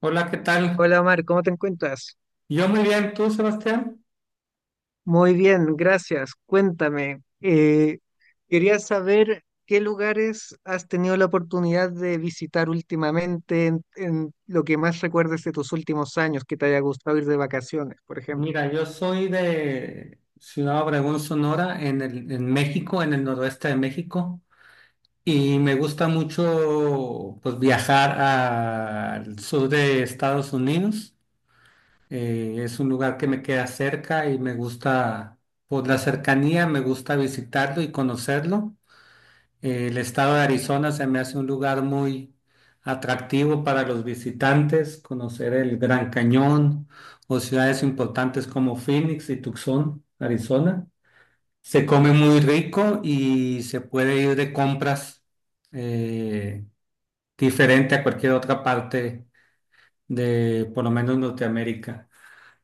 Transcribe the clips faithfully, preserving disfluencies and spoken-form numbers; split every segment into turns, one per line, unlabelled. Hola, ¿qué tal?
Hola Omar, ¿cómo te encuentras?
Yo muy bien, ¿tú, Sebastián?
Muy bien, gracias. Cuéntame, eh, quería saber qué lugares has tenido la oportunidad de visitar últimamente en, en lo que más recuerdes de tus últimos años, que te haya gustado ir de vacaciones, por ejemplo.
Mira, yo soy de Ciudad Obregón, Sonora, en el, en México, en el noroeste de México, y me gusta mucho pues, viajar al sur de Estados Unidos. Eh, es un lugar que me queda cerca y me gusta, por la cercanía, me gusta visitarlo y conocerlo. El estado de Arizona se me hace un lugar muy atractivo para los visitantes, conocer el Gran Cañón o ciudades importantes como Phoenix y Tucson, Arizona. Se come muy rico y se puede ir de compras eh, diferente a cualquier otra parte de, por lo menos, Norteamérica.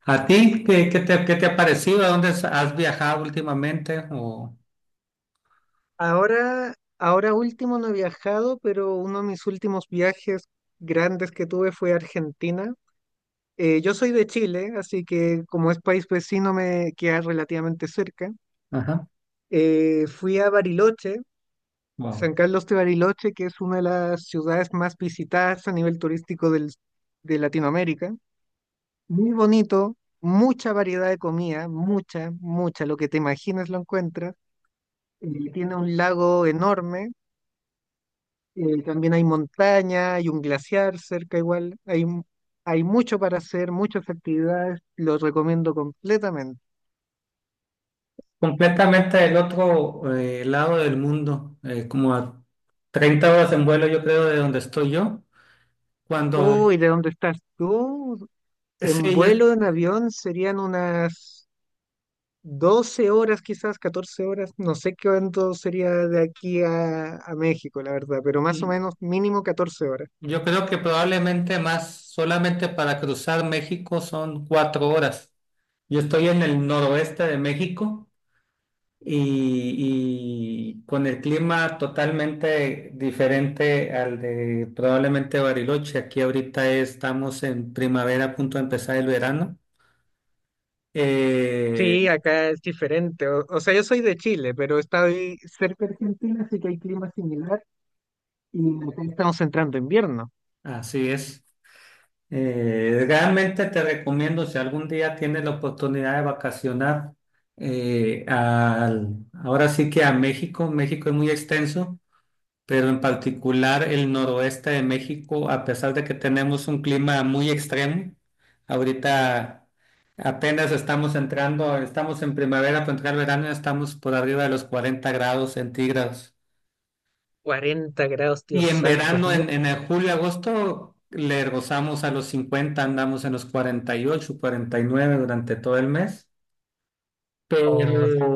¿A ti qué, qué te, qué te ha parecido? ¿A dónde has has viajado últimamente? O...
Ahora, ahora último no he viajado, pero uno de mis últimos viajes grandes que tuve fue a Argentina. Eh, yo soy de Chile, así que como es país vecino me queda relativamente cerca.
Ajá.
Eh, fui a Bariloche,
Wow.
San Carlos de Bariloche, que es una de las ciudades más visitadas a nivel turístico del- de Latinoamérica. Muy bonito, mucha variedad de comida, mucha, mucha, lo que te imagines lo encuentras. Eh, tiene un lago enorme, eh, también hay montaña, hay un glaciar cerca igual, hay, mu- hay mucho para hacer, muchas actividades, lo recomiendo completamente.
Completamente del otro eh, lado del mundo, eh, como a treinta horas en vuelo, yo creo, de donde estoy yo. Cuando,
Uy, ¿de dónde estás tú?
ay,
En
sí, yo,
vuelo, en avión, serían unas doce horas, quizás catorce horas, no sé cuánto sería de aquí a, a México, la verdad, pero más o
y
menos mínimo catorce horas.
yo creo que probablemente más, solamente para cruzar México son cuatro horas. Yo estoy en el noroeste de México y, y con el clima totalmente diferente al de probablemente Bariloche. Aquí ahorita estamos en primavera, a punto de empezar el verano. Eh,
Sí, acá es diferente. O, o sea, yo soy de Chile, pero estoy cerca de Argentina, así que hay clima similar y acá estamos entrando invierno.
Así es. Eh, realmente te recomiendo, si algún día tienes la oportunidad de vacacionar, eh, al- ahora sí que a México, México es muy extenso, pero en particular el noroeste de México, a pesar de que tenemos un clima muy extremo, ahorita apenas estamos entrando, estamos en primavera, para entrar verano, ya estamos por arriba de los cuarenta grados centígrados.
Cuarenta grados,
Y
Dios
en
santo, es
verano,
mucho,
en, en el julio, agosto, le gozamos a los cincuenta, andamos en los cuarenta y ocho, cuarenta y nueve durante todo el mes,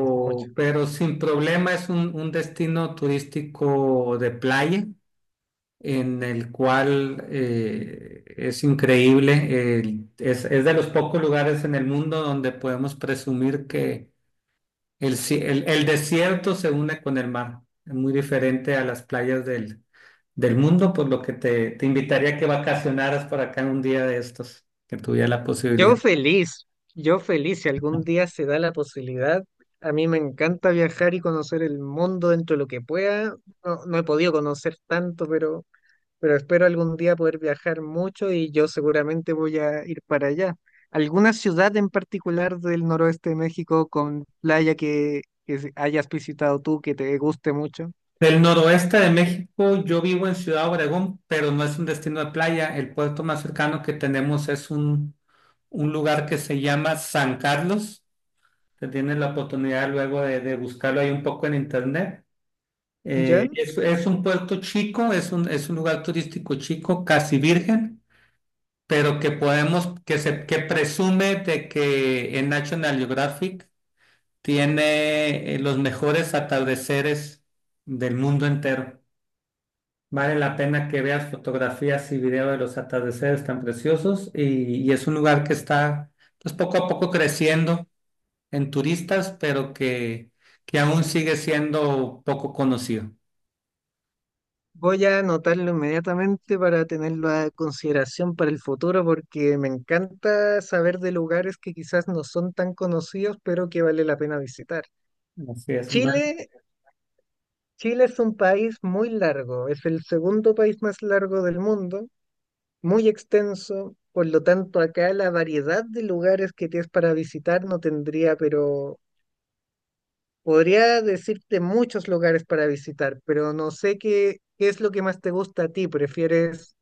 es mucho.
pero sin problema es un, un destino turístico de playa en el cual eh, es increíble, el- es, es de los pocos lugares en el mundo donde podemos presumir que el, ci- el el desierto se une con el mar. Es muy diferente a las playas del del mundo, por lo que te, te invitaría a que vacacionaras por acá en un día de estos, que tuviera la
Yo
posibilidad.
feliz, yo feliz, si algún día se da la posibilidad. A mí me encanta viajar y conocer el mundo dentro de lo que pueda. No, no he podido conocer tanto, pero pero espero algún día poder viajar mucho y yo seguramente voy a ir para allá. ¿Alguna ciudad en particular del noroeste de México con playa que, que se- hayas visitado tú que te guste mucho?
Del noroeste de México, yo vivo en Ciudad Obregón, pero no es un destino de playa. El puerto más cercano que tenemos es un, un lugar que se llama San Carlos. Te tienes la oportunidad luego de, de buscarlo ahí un poco en internet. Eh,
¿Ya?
es, es un puerto chico, es un, es un lugar turístico chico, casi virgen, pero que podemos, que se, que presume de que en National Geographic tiene eh, los mejores atardeceres del mundo entero. Vale la pena que veas fotografías y videos de los atardeceres tan preciosos, y, y es un lugar que está pues, poco a poco creciendo en turistas, pero que, que aún sigue siendo poco conocido.
Voy a anotarlo inmediatamente para tenerlo a consideración para el futuro porque me encanta saber de lugares que quizás no son tan conocidos, pero que vale la pena visitar.
Así es. Vale.
Chile, Chile es un país muy largo, es el segundo país más largo del mundo, muy extenso, por lo tanto acá la variedad de lugares que tienes para visitar no tendría, pero podría decirte muchos lugares para visitar, pero no sé qué, qué es lo que más te gusta a ti. ¿Prefieres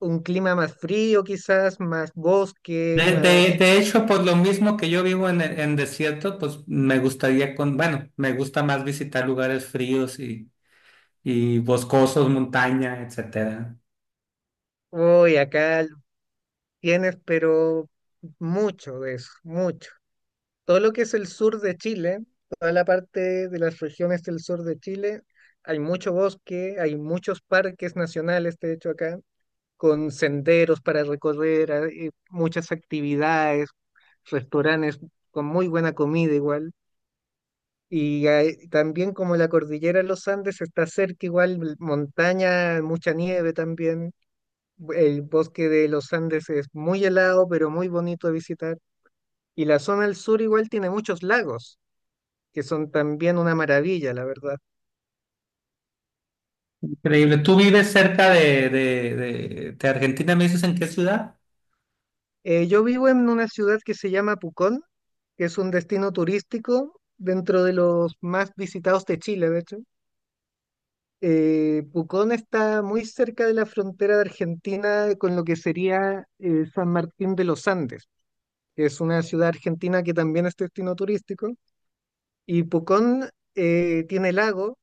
un clima más frío quizás, más bosque,
De, de-
más...
de hecho, por lo mismo que yo vivo en, en desierto, pues me gustaría con, bueno, me gusta más visitar lugares fríos y, y boscosos, montaña, etcétera.
Uy, acá tienes, pero mucho de eso, mucho. Todo lo que es el sur de Chile, toda la parte de las regiones del sur de Chile, hay mucho bosque, hay muchos parques nacionales, de hecho, acá, con senderos para recorrer, hay muchas actividades, restaurantes con muy buena comida igual. Y hay- también como la cordillera de los Andes está cerca igual, l- montaña, mucha nieve también. El bosque de los Andes es muy helado, pero muy bonito de visitar. Y la zona del sur igual tiene muchos lagos que son también una maravilla, la verdad.
Increíble. ¿Tú vives cerca de, de, de, de Argentina? ¿Me dices en qué ciudad?
Eh, yo vivo en una ciudad que se llama Pucón, que es un destino turístico dentro de los más visitados de Chile, de hecho. Eh, Pucón está muy cerca de la frontera de Argentina con lo que sería eh, San Martín de los Andes, que es una ciudad argentina que también es destino turístico. Y Pucón eh, tiene lago,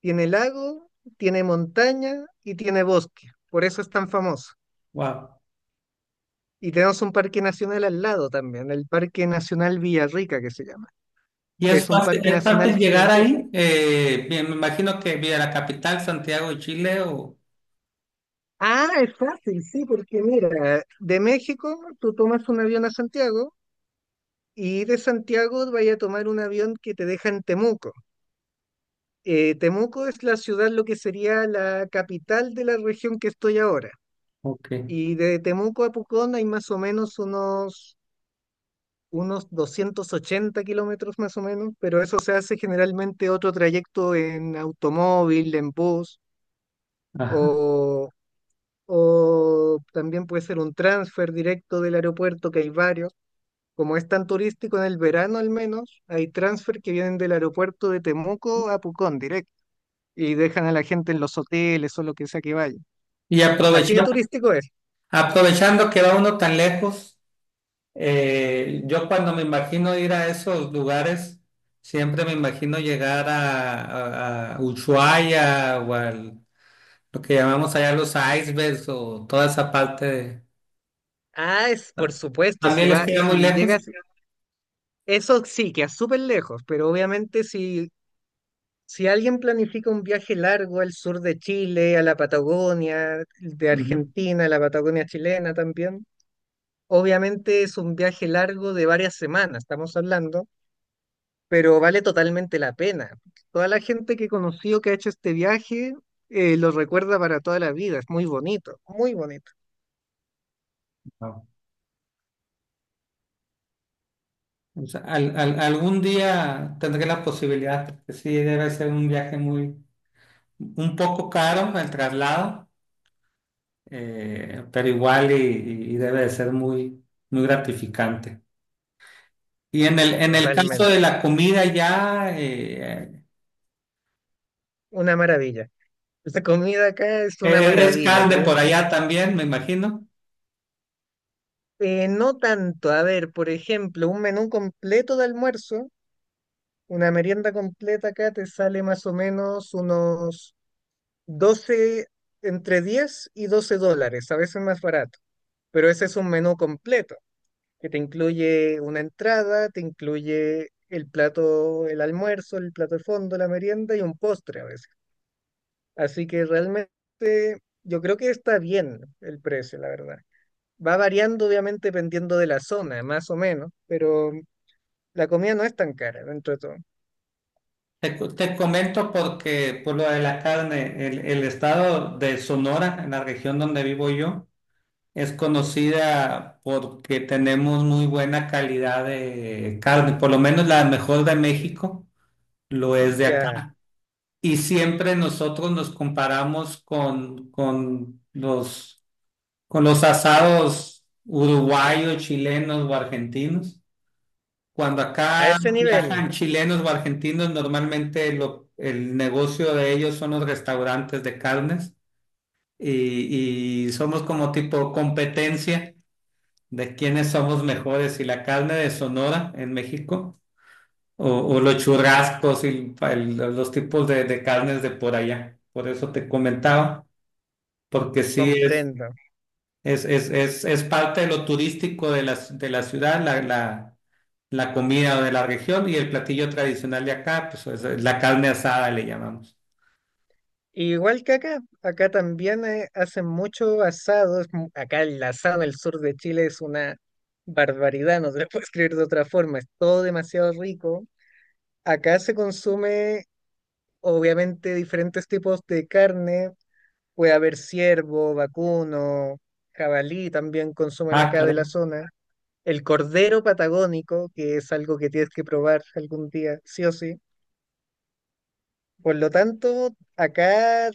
tiene lago, tiene montaña y tiene bosque. Por eso es tan famoso.
Wow.
Y tenemos un parque nacional al lado también, el Parque Nacional Villarrica que se llama.
¿Y es
Es un
fácil,
parque
es
nacional
fácil llegar
gigantesco.
ahí? Eh, bien, me imagino que vía la capital, Santiago de Chile o...
Ah, es fácil, sí, porque mira, de México tú tomas un avión a Santiago y de Santiago vaya a tomar un avión que te deja en Temuco. Eh, Temuco es la ciudad, lo que sería la capital de la región que estoy ahora.
Ok.
Y de Temuco a Pucón hay más o menos unos unos doscientos ochenta kilómetros más o menos, pero eso se hace generalmente otro trayecto en automóvil, en bus,
Ajá.
o, o también puede ser un transfer directo del aeropuerto, que hay varios. Como es tan turístico en el verano al menos, hay transfer que vienen del aeropuerto de Temuco a Pucón directo y dejan a la gente en los hoteles o lo que sea que vaya.
Y
Así de
aprovechando,
turístico es.
aprovechando que va uno tan lejos, eh, yo cuando me imagino ir a esos lugares, siempre me imagino llegar a, a, a Ushuaia o al, lo que llamamos allá los icebergs o toda esa parte de...
Ah, es por supuesto, si
¿También les
va,
queda muy
si
lejos?
llegas, eso sí, que es súper lejos, pero obviamente si si alguien planifica un viaje largo al sur de Chile, a la Patagonia, de
Ujú.
Argentina, a la Patagonia chilena también, obviamente es un viaje largo de varias semanas, estamos hablando, pero vale totalmente la pena. Toda la gente que he conocido que ha hecho este viaje eh, lo recuerda para toda la vida, es muy bonito, muy bonito,
Wow. O sea, al- al- algún día tendré la posibilidad, porque sí, debe ser un viaje muy, un poco caro el traslado, eh, pero igual y, y- y debe de ser muy, muy gratificante. Y en el, en el caso de
totalmente,
la comida ya, eh,
una maravilla. La comida acá es una
eh, es
maravilla,
carne por
créeme.
allá también, me imagino.
Eh, no tanto, a ver, por ejemplo, un menú completo de almuerzo. Una merienda completa acá te sale más o menos unos doce entre diez y doce dólares, a veces más barato. Pero ese es un menú completo, que te incluye una entrada, te incluye el plato, el almuerzo, el plato de fondo, la merienda y un postre a veces. Así que realmente yo creo que está bien el precio, la verdad. Va variando obviamente dependiendo de la zona, más o menos, pero la comida no es tan cara dentro de todo.
Te, co- te comento porque por lo de la carne, el, el estado de Sonora, en la región donde vivo yo, es conocida porque tenemos muy buena calidad de carne, por lo menos la mejor de México lo es de acá.
Ya,
Y siempre nosotros nos comparamos con, con los, con los asados uruguayos, chilenos o argentinos. Cuando
a
acá
ese nivel.
viajan chilenos o argentinos, normalmente lo- el negocio de ellos son los restaurantes de carnes, y y somos como tipo competencia de quiénes somos mejores, si la carne de Sonora en México o, o los churrascos y el- los tipos de, de carnes de por allá. Por eso te comentaba, porque sí es,
Comprendo.
es, es, es, es parte de lo turístico de la, de la ciudad, la, la, la comida de la región, y el platillo tradicional de acá, pues es la carne asada le llamamos.
Igual que acá, acá también eh, hacen mucho asado. es mu- Acá el asado del sur de Chile es una barbaridad, no se lo puedo escribir de otra forma, es todo demasiado rico. Acá se consume, obviamente, diferentes tipos de carne. Puede haber ciervo, vacuno, jabalí también consumen
Ah,
acá de la
claro.
zona. El cordero patagónico, que es algo que tienes que probar algún día, sí o sí. Por lo tanto, acá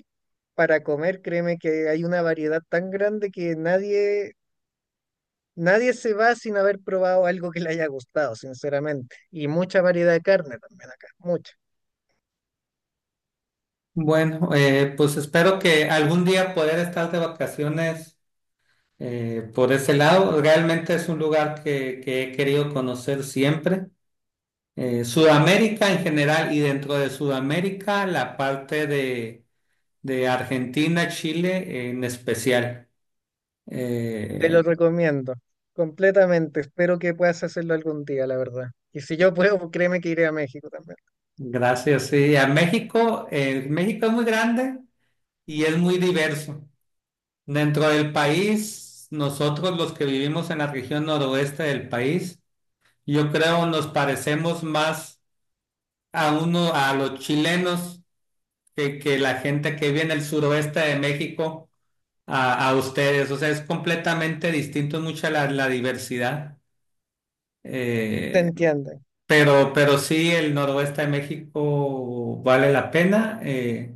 para comer, créeme que hay una variedad tan grande que nadie, nadie se va sin haber probado algo que le haya gustado, sinceramente. Y mucha variedad de carne también acá, mucha.
Bueno, eh, pues espero que algún día poder estar de vacaciones. Eh, por ese lado, realmente es un lugar que, que he querido conocer siempre. Eh, Sudamérica en general y dentro de Sudamérica, la parte de, de Argentina, Chile en especial.
Te
Eh,
lo recomiendo completamente. Espero que puedas hacerlo algún día, la verdad. Y si yo puedo, pues, créeme que iré a México también.
gracias, sí. A México, eh, México es muy grande y es muy diverso. Dentro del país, nosotros los que vivimos en la región noroeste del país, yo creo nos parecemos más a uno, a los chilenos que, que la gente que vive en el suroeste de México a, a ustedes. O sea, es completamente distinto, mucha la, la diversidad.
Te
Eh,
entienden.
pero, pero sí, el noroeste de México vale la pena eh,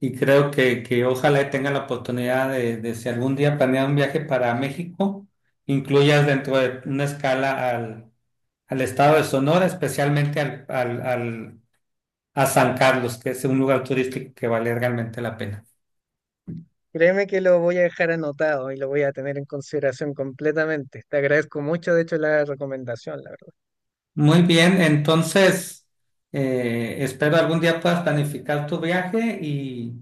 y creo que, que ojalá tenga la oportunidad de, de si algún día planean un viaje para México, incluyas dentro de una escala al, al estado de Sonora, especialmente al, al, al, a San Carlos, que es un lugar turístico que vale realmente la pena.
Créeme que lo voy a dejar anotado y lo voy a tener en consideración completamente. Te agradezco mucho, de hecho, la recomendación, la verdad.
Muy bien, entonces eh, espero algún día puedas planificar tu viaje y,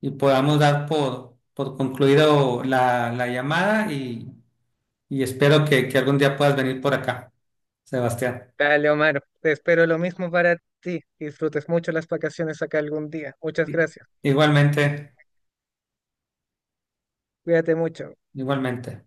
y podamos dar por, por concluido la, la llamada y, y espero que, que algún día puedas venir por acá, Sebastián.
Dale, Omar, te espero lo mismo para ti. Disfrutes mucho las vacaciones acá algún día. Muchas
I-
gracias.
Igualmente,
Cuídate mucho.
igualmente.